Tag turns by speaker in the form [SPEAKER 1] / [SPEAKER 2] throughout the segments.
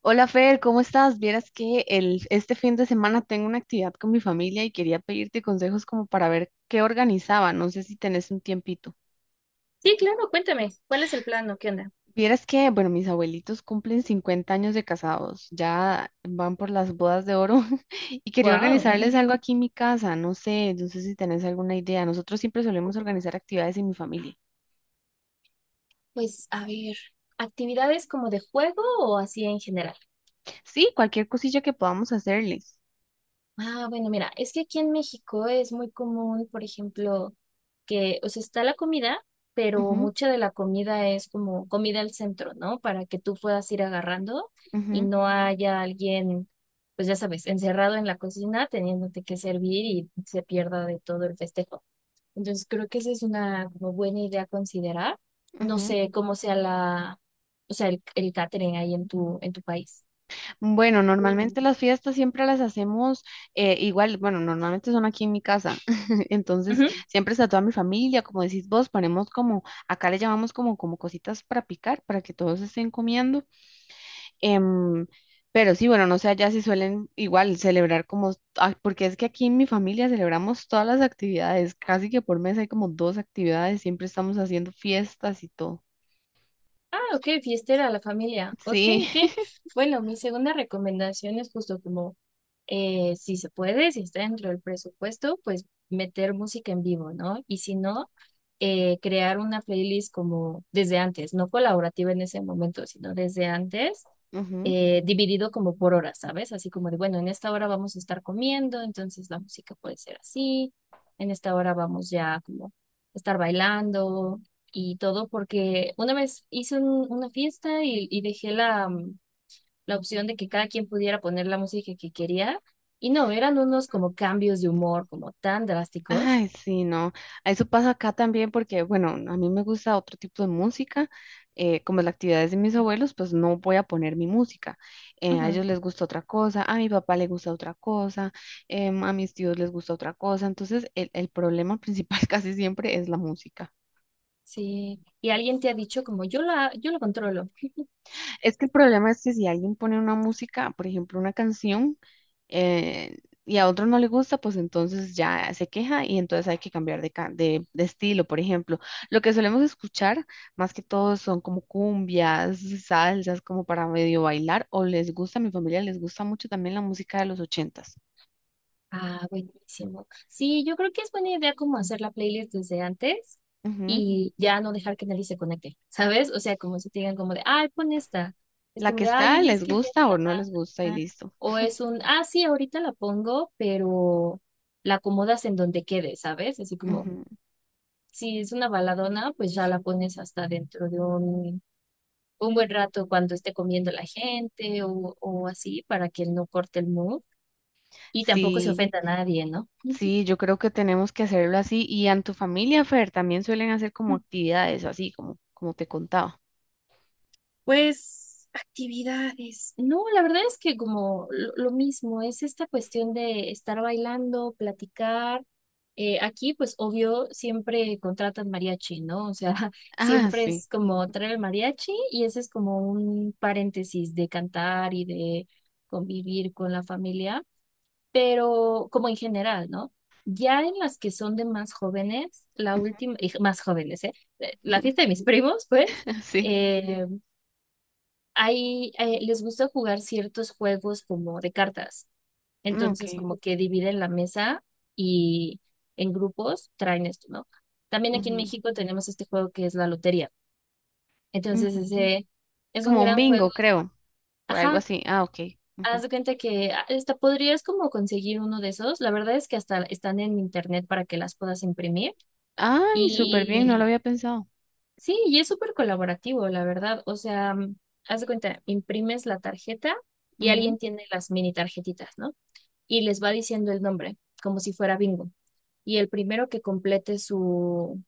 [SPEAKER 1] Hola Fer, ¿cómo estás? Vieras que este fin de semana tengo una actividad con mi familia y quería pedirte consejos como para ver qué organizaba. No sé si tenés un tiempito.
[SPEAKER 2] Sí, claro, cuéntame, ¿cuál es el plano? ¿Qué onda?
[SPEAKER 1] Vieras que, bueno, mis abuelitos cumplen 50 años de casados, ya van por las bodas de oro y quería Wow.
[SPEAKER 2] Wow.
[SPEAKER 1] organizarles algo aquí en mi casa. No sé, no sé si tenés alguna idea. Nosotros siempre solemos organizar actividades en mi familia.
[SPEAKER 2] Pues a ver, actividades como de juego o así en general.
[SPEAKER 1] Sí, cualquier cosilla que podamos hacerles.
[SPEAKER 2] Ah, bueno, mira, es que aquí en México es muy común, por ejemplo, que, o sea, está la comida, pero
[SPEAKER 1] Ujú,
[SPEAKER 2] mucha de la comida es como comida al centro, ¿no? Para que tú puedas ir agarrando y
[SPEAKER 1] ujú,
[SPEAKER 2] no haya alguien, pues ya sabes, encerrado en la cocina teniéndote que servir y se pierda de todo el festejo. Entonces creo que esa es una como buena idea a considerar. No
[SPEAKER 1] ujú.
[SPEAKER 2] sé cómo sea la, o sea, el catering ahí en tu país.
[SPEAKER 1] Bueno, normalmente las fiestas siempre las hacemos igual, bueno, normalmente son aquí en mi casa, entonces
[SPEAKER 2] Ujú.
[SPEAKER 1] siempre está toda mi familia, como decís vos, ponemos como, acá le llamamos como, como cositas para picar, para que todos estén comiendo, em, pero sí, bueno, no sé, allá si suelen igual celebrar como, ah, porque es que aquí en mi familia celebramos todas las actividades, casi que por mes hay como dos actividades, siempre estamos haciendo fiestas y todo.
[SPEAKER 2] Ah, ok, fiestera, la familia. Ok,
[SPEAKER 1] Sí.
[SPEAKER 2] ok. Bueno, mi segunda recomendación es justo como, si se puede, si está dentro del presupuesto, pues meter música en vivo, ¿no? Y si no, crear una playlist como desde antes, no colaborativa en ese momento, sino desde antes, dividido como por horas, ¿sabes? Así como de, bueno, en esta hora vamos a estar comiendo, entonces la música puede ser así, en esta hora vamos ya como a estar bailando y todo, porque una vez hice una fiesta y dejé la, la opción de que cada quien pudiera poner la música que quería, y no, eran unos como cambios de humor como tan drásticos.
[SPEAKER 1] Ay, sí, no. Eso pasa acá también porque, bueno, a mí me gusta otro tipo de música. Como la actividad es de mis abuelos, pues no voy a poner mi música. A
[SPEAKER 2] Ujú,
[SPEAKER 1] ellos les gusta otra cosa, a mi papá le gusta otra cosa, a mis tíos les gusta otra cosa. Entonces, el problema principal casi siempre es la música.
[SPEAKER 2] sí, y alguien te ha dicho como yo la, yo lo controlo.
[SPEAKER 1] Es que el problema es que si alguien pone una música, por ejemplo, una canción, eh, y a otro no le gusta, pues entonces ya se queja y entonces hay que cambiar de, de estilo, por ejemplo. Lo que solemos escuchar, más que todo, son como cumbias, salsas, como para medio bailar, o les gusta, a mi familia les gusta mucho también la música de los ochentas.
[SPEAKER 2] Ah, buenísimo. Sí, yo creo que es buena idea como hacer la playlist desde antes
[SPEAKER 1] Ujú.
[SPEAKER 2] y ya no dejar que nadie se conecte, ¿sabes? O sea, como si te digan como de, ay, pon esta. Es
[SPEAKER 1] La
[SPEAKER 2] como
[SPEAKER 1] que
[SPEAKER 2] de, ay,
[SPEAKER 1] está,
[SPEAKER 2] oye, es
[SPEAKER 1] les
[SPEAKER 2] que ya
[SPEAKER 1] gusta o
[SPEAKER 2] está.
[SPEAKER 1] no les gusta y
[SPEAKER 2] Ah".
[SPEAKER 1] listo.
[SPEAKER 2] O es un, ah, sí, ahorita la pongo, pero la acomodas en donde quede, ¿sabes? Así como,
[SPEAKER 1] Ujú.
[SPEAKER 2] si es una baladona, pues ya la pones hasta dentro de un buen rato cuando esté comiendo la gente o así para que no corte el mood y tampoco se
[SPEAKER 1] Sí,
[SPEAKER 2] ofenda a nadie, ¿no?
[SPEAKER 1] sí, yo creo que tenemos que hacerlo así. Y en tu familia, Fer, ¿también suelen hacer como actividades así, como, como te contaba?
[SPEAKER 2] Pues actividades. No, la verdad es que como lo mismo, es esta cuestión de estar bailando, platicar. Aquí, pues obvio, siempre contratan mariachi, ¿no? O sea,
[SPEAKER 1] Ah,
[SPEAKER 2] siempre
[SPEAKER 1] sí.
[SPEAKER 2] es como traer el mariachi y ese es como un paréntesis de cantar y de convivir con la familia, pero como en general, ¿no? Ya en las que son de más jóvenes, la última, y más jóvenes, ¿eh? La fiesta de mis primos, pues.
[SPEAKER 1] Sí.
[SPEAKER 2] Eh, hay, les gusta jugar ciertos juegos como de cartas.
[SPEAKER 1] Ah,
[SPEAKER 2] Entonces,
[SPEAKER 1] ok.
[SPEAKER 2] como que dividen la mesa y en grupos traen esto, ¿no? También aquí en
[SPEAKER 1] Ujú,
[SPEAKER 2] México tenemos este juego que es la lotería. Entonces,
[SPEAKER 1] ujú.
[SPEAKER 2] ese es un
[SPEAKER 1] Como un
[SPEAKER 2] gran juego.
[SPEAKER 1] bingo, creo. O algo
[SPEAKER 2] Ajá,
[SPEAKER 1] así. Ah, ok.
[SPEAKER 2] haz
[SPEAKER 1] Ujú.
[SPEAKER 2] de cuenta que ah, hasta podrías como conseguir uno de esos. La verdad es que hasta están en internet para que las puedas imprimir.
[SPEAKER 1] Ay, súper bien,
[SPEAKER 2] Y
[SPEAKER 1] no lo había pensado.
[SPEAKER 2] sí, y es súper colaborativo, la verdad. O sea, haz de cuenta, imprimes la tarjeta y alguien tiene las mini tarjetitas, ¿no? Y les va diciendo el nombre, como si fuera bingo. Y el primero que complete su,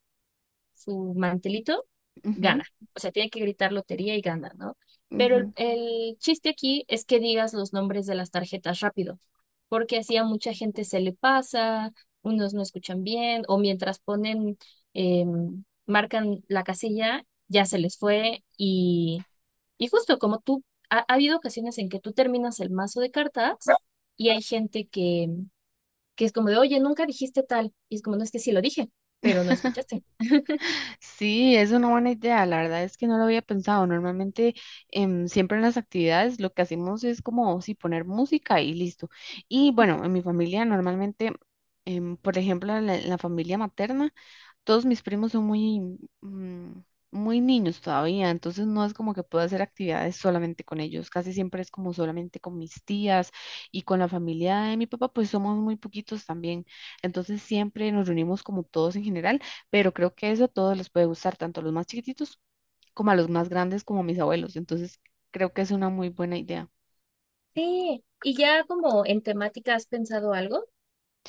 [SPEAKER 2] su mantelito,
[SPEAKER 1] Ujú, ujú,
[SPEAKER 2] gana. O sea, tiene que gritar lotería y gana, ¿no? Pero el,
[SPEAKER 1] ujú.
[SPEAKER 2] el chiste aquí es que digas los nombres de las tarjetas rápido, porque así a mucha gente se le pasa, unos no escuchan bien, o mientras ponen, marcan la casilla, ya se les fue. Y justo como tú, ha habido ocasiones en que tú terminas el mazo de cartas y hay gente que es como de, oye, nunca dijiste tal. Y es como, no es que sí lo dije, pero no escuchaste.
[SPEAKER 1] Sí, es una buena idea. La verdad es que no lo había pensado. Normalmente, siempre en las actividades lo que hacemos es como si poner música y listo. Y bueno, en mi familia normalmente, por ejemplo, en la familia materna, todos mis primos son muy, mm, muy niños todavía, entonces no es como que pueda hacer actividades solamente con ellos, casi siempre es como solamente con mis tías y con la familia de mi papá, pues somos muy poquitos también, entonces siempre nos reunimos como todos en general, pero creo que eso a todos les puede gustar, tanto a los más chiquititos como a los más grandes, como a mis abuelos, entonces creo que es una muy buena idea.
[SPEAKER 2] Sí, y ya como en temática has pensado algo,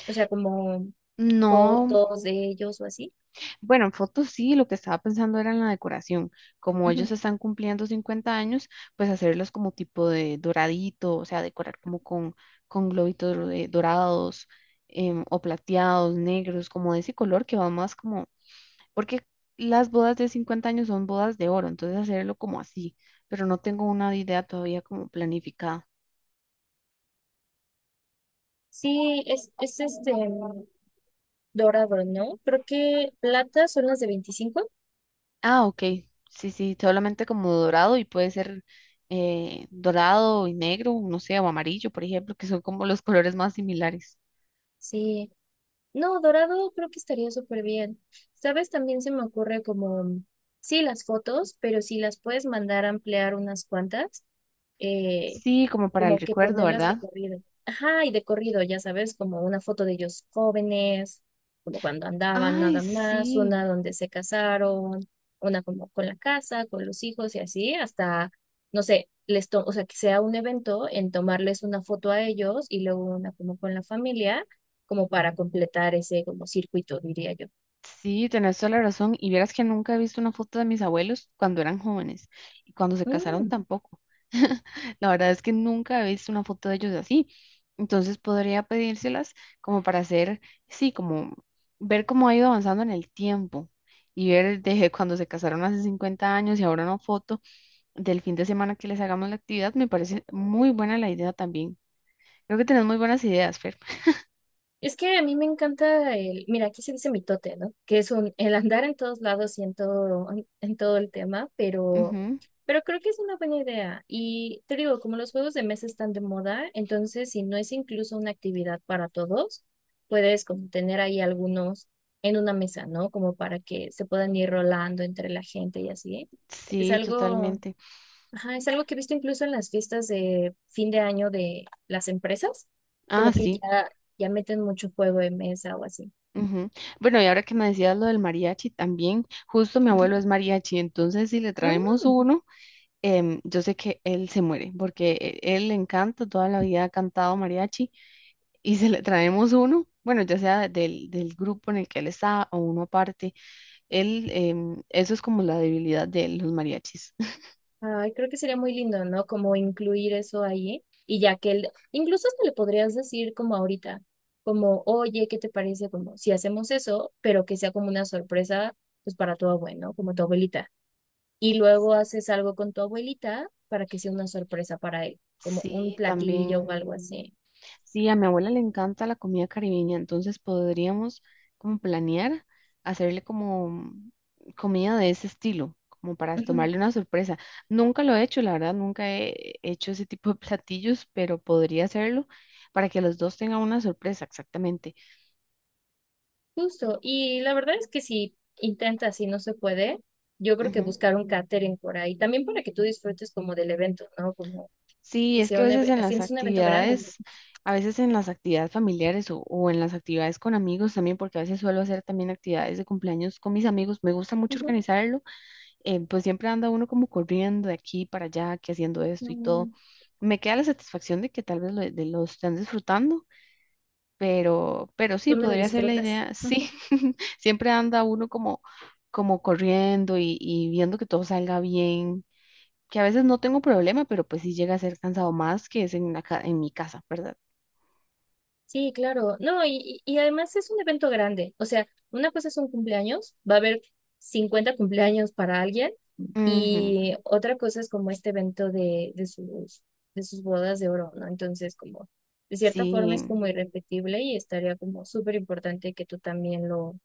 [SPEAKER 2] o sea, como
[SPEAKER 1] No,
[SPEAKER 2] fotos de ellos o así.
[SPEAKER 1] bueno, en fotos sí, lo que estaba pensando era en la decoración. Como ellos
[SPEAKER 2] Ujú.
[SPEAKER 1] están cumpliendo 50 años, pues hacerlos como tipo de doradito, o sea, decorar como con globitos de dorados o plateados, negros, como de ese color que va más como, porque las bodas de 50 años son bodas de oro, entonces hacerlo como así, pero no tengo una idea todavía como planificada.
[SPEAKER 2] Sí, es este dorado, ¿no? Creo que plata son las de 25.
[SPEAKER 1] Ah, ok. Sí, sí, solamente como dorado y puede ser dorado y negro, no sé, o amarillo, por ejemplo, que son como los colores más similares.
[SPEAKER 2] Sí, no, dorado creo que estaría súper bien. ¿Sabes? También se me ocurre como, sí, las fotos, pero si las puedes mandar a ampliar unas cuantas, eh,
[SPEAKER 1] Sí, como para el
[SPEAKER 2] como que
[SPEAKER 1] recuerdo, sí.
[SPEAKER 2] ponerlas de
[SPEAKER 1] ¿Verdad?
[SPEAKER 2] corrido. Ajá, y de corrido, ya sabes, como una foto de ellos jóvenes, como cuando andaban
[SPEAKER 1] Ay,
[SPEAKER 2] nada más, una
[SPEAKER 1] sí,
[SPEAKER 2] donde se casaron, una como con la casa, con los hijos y así, hasta, no sé, o sea, que sea un evento en tomarles una foto a ellos y luego una como con la familia, como para completar ese como circuito, diría yo.
[SPEAKER 1] sí, tenés toda la razón. Y vieras que nunca he visto una foto de mis abuelos cuando eran jóvenes y cuando se casaron
[SPEAKER 2] Mm.
[SPEAKER 1] tampoco. La verdad es que nunca he visto una foto de ellos así. Entonces podría pedírselas como para hacer, sí, como ver cómo ha ido avanzando en el tiempo y ver desde cuando se casaron hace 50 años y ahora una foto del fin de semana que les hagamos la actividad. Me parece muy buena la idea también. Creo que tenés muy buenas ideas, Fer.
[SPEAKER 2] Es que a mí me encanta el, mira, aquí se dice mitote, ¿no? Que es un, el andar en todos lados y en todo, en todo el tema,
[SPEAKER 1] Ujú.
[SPEAKER 2] pero creo que es una buena idea. Y te digo, como los juegos de mesa están de moda, entonces si no es incluso una actividad para todos, puedes como tener ahí algunos en una mesa, ¿no? Como para que se puedan ir rolando entre la gente y así. Es
[SPEAKER 1] Sí,
[SPEAKER 2] algo.
[SPEAKER 1] totalmente.
[SPEAKER 2] Ajá, es algo que he visto incluso en las fiestas de fin de año de las empresas,
[SPEAKER 1] Ah,
[SPEAKER 2] como que
[SPEAKER 1] sí.
[SPEAKER 2] ya, ya meten mucho juego de mesa o así.
[SPEAKER 1] Ujú. Bueno, y ahora que me decías lo del mariachi también, justo mi
[SPEAKER 2] Ujú.
[SPEAKER 1] abuelo es mariachi, entonces si le traemos
[SPEAKER 2] Mm,
[SPEAKER 1] uno, yo sé que él se muere, porque él le encanta, toda la vida ha cantado mariachi, y si le traemos uno, bueno, ya sea del grupo en el que él está o uno aparte, él, eso es como la debilidad de él, los mariachis.
[SPEAKER 2] ay, creo que sería muy lindo, ¿no? Como incluir eso ahí y ya que él incluso hasta le podrías decir como ahorita, como, oye, ¿qué te parece? Como si hacemos eso, pero que sea como una sorpresa, pues para tu abuelo, ¿no? Como tu abuelita. Y luego haces algo con tu abuelita para que sea una sorpresa para él, como un
[SPEAKER 1] Sí, también.
[SPEAKER 2] platillo o algo así.
[SPEAKER 1] Sí, a mi abuela le encanta la comida caribeña, entonces podríamos como planear hacerle como comida de ese estilo, como para tomarle una sorpresa. Nunca lo he hecho, la verdad, nunca he hecho ese tipo de platillos, pero podría hacerlo para que los dos tengan una sorpresa, exactamente.
[SPEAKER 2] Justo, y la verdad es que si intentas y no se puede, yo creo que
[SPEAKER 1] Ujú.
[SPEAKER 2] buscar un catering por ahí, también para que tú disfrutes como del evento, ¿no? Como
[SPEAKER 1] Sí,
[SPEAKER 2] que
[SPEAKER 1] es
[SPEAKER 2] sea
[SPEAKER 1] que a
[SPEAKER 2] un
[SPEAKER 1] veces
[SPEAKER 2] evento,
[SPEAKER 1] en las
[SPEAKER 2] es un evento grande.
[SPEAKER 1] actividades, a veces en las actividades familiares o en las actividades con amigos también, porque a veces suelo hacer también actividades de cumpleaños con mis amigos, me gusta mucho
[SPEAKER 2] Ujú.
[SPEAKER 1] organizarlo, pues siempre anda uno como corriendo de aquí para allá, que haciendo esto y
[SPEAKER 2] No,
[SPEAKER 1] todo. Me queda la satisfacción de que tal vez lo, de lo están disfrutando, pero sí,
[SPEAKER 2] tú no lo
[SPEAKER 1] podría ser la
[SPEAKER 2] disfrutas.
[SPEAKER 1] idea. Sí,
[SPEAKER 2] Ujú.
[SPEAKER 1] siempre anda uno como, como corriendo y viendo que todo salga bien, que a veces no tengo problema, pero pues sí llega a ser cansado más que es en, en mi casa, ¿verdad?
[SPEAKER 2] Sí, claro. No, y además es un evento grande. O sea, una cosa es un cumpleaños, va a haber 50 cumpleaños para alguien.
[SPEAKER 1] Ujú,
[SPEAKER 2] Y otra cosa es como este evento de, de sus bodas de oro, ¿no? Entonces, como de cierta forma es
[SPEAKER 1] sí.
[SPEAKER 2] como irrepetible y estaría como súper importante que tú también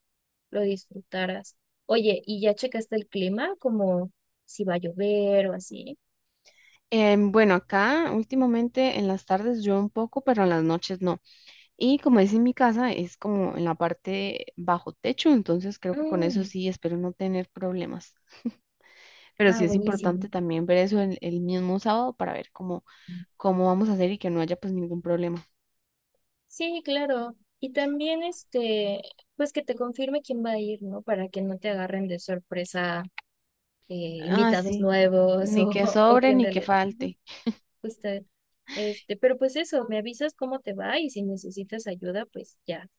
[SPEAKER 2] lo disfrutaras. Oye, ¿y ya checaste el clima? Como si va a llover o así.
[SPEAKER 1] Bueno, acá últimamente en las tardes yo un poco, pero en las noches no. Y como es en mi casa, es como en la parte bajo techo, entonces creo que con eso
[SPEAKER 2] Mm,
[SPEAKER 1] sí espero no tener problemas. Pero sí
[SPEAKER 2] ah,
[SPEAKER 1] es
[SPEAKER 2] buenísimo.
[SPEAKER 1] importante también ver eso el mismo sábado para ver cómo, cómo vamos a hacer y que no haya pues ningún problema.
[SPEAKER 2] Sí, claro. Y también este, pues que te confirme quién va a ir, ¿no? Para que no te agarren de sorpresa eh,
[SPEAKER 1] Ah,
[SPEAKER 2] invitados
[SPEAKER 1] sí,
[SPEAKER 2] nuevos
[SPEAKER 1] ni que
[SPEAKER 2] o que
[SPEAKER 1] sobre
[SPEAKER 2] en
[SPEAKER 1] ni que
[SPEAKER 2] realidad.
[SPEAKER 1] falte.
[SPEAKER 2] Justo, este, pero pues eso, me avisas cómo te va y si necesitas ayuda, pues ya,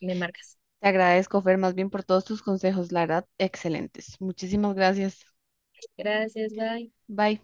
[SPEAKER 2] me marcas.
[SPEAKER 1] Te agradezco, Fer, más bien por todos tus consejos, la verdad, excelentes. Muchísimas gracias.
[SPEAKER 2] Gracias, bye.
[SPEAKER 1] Bye.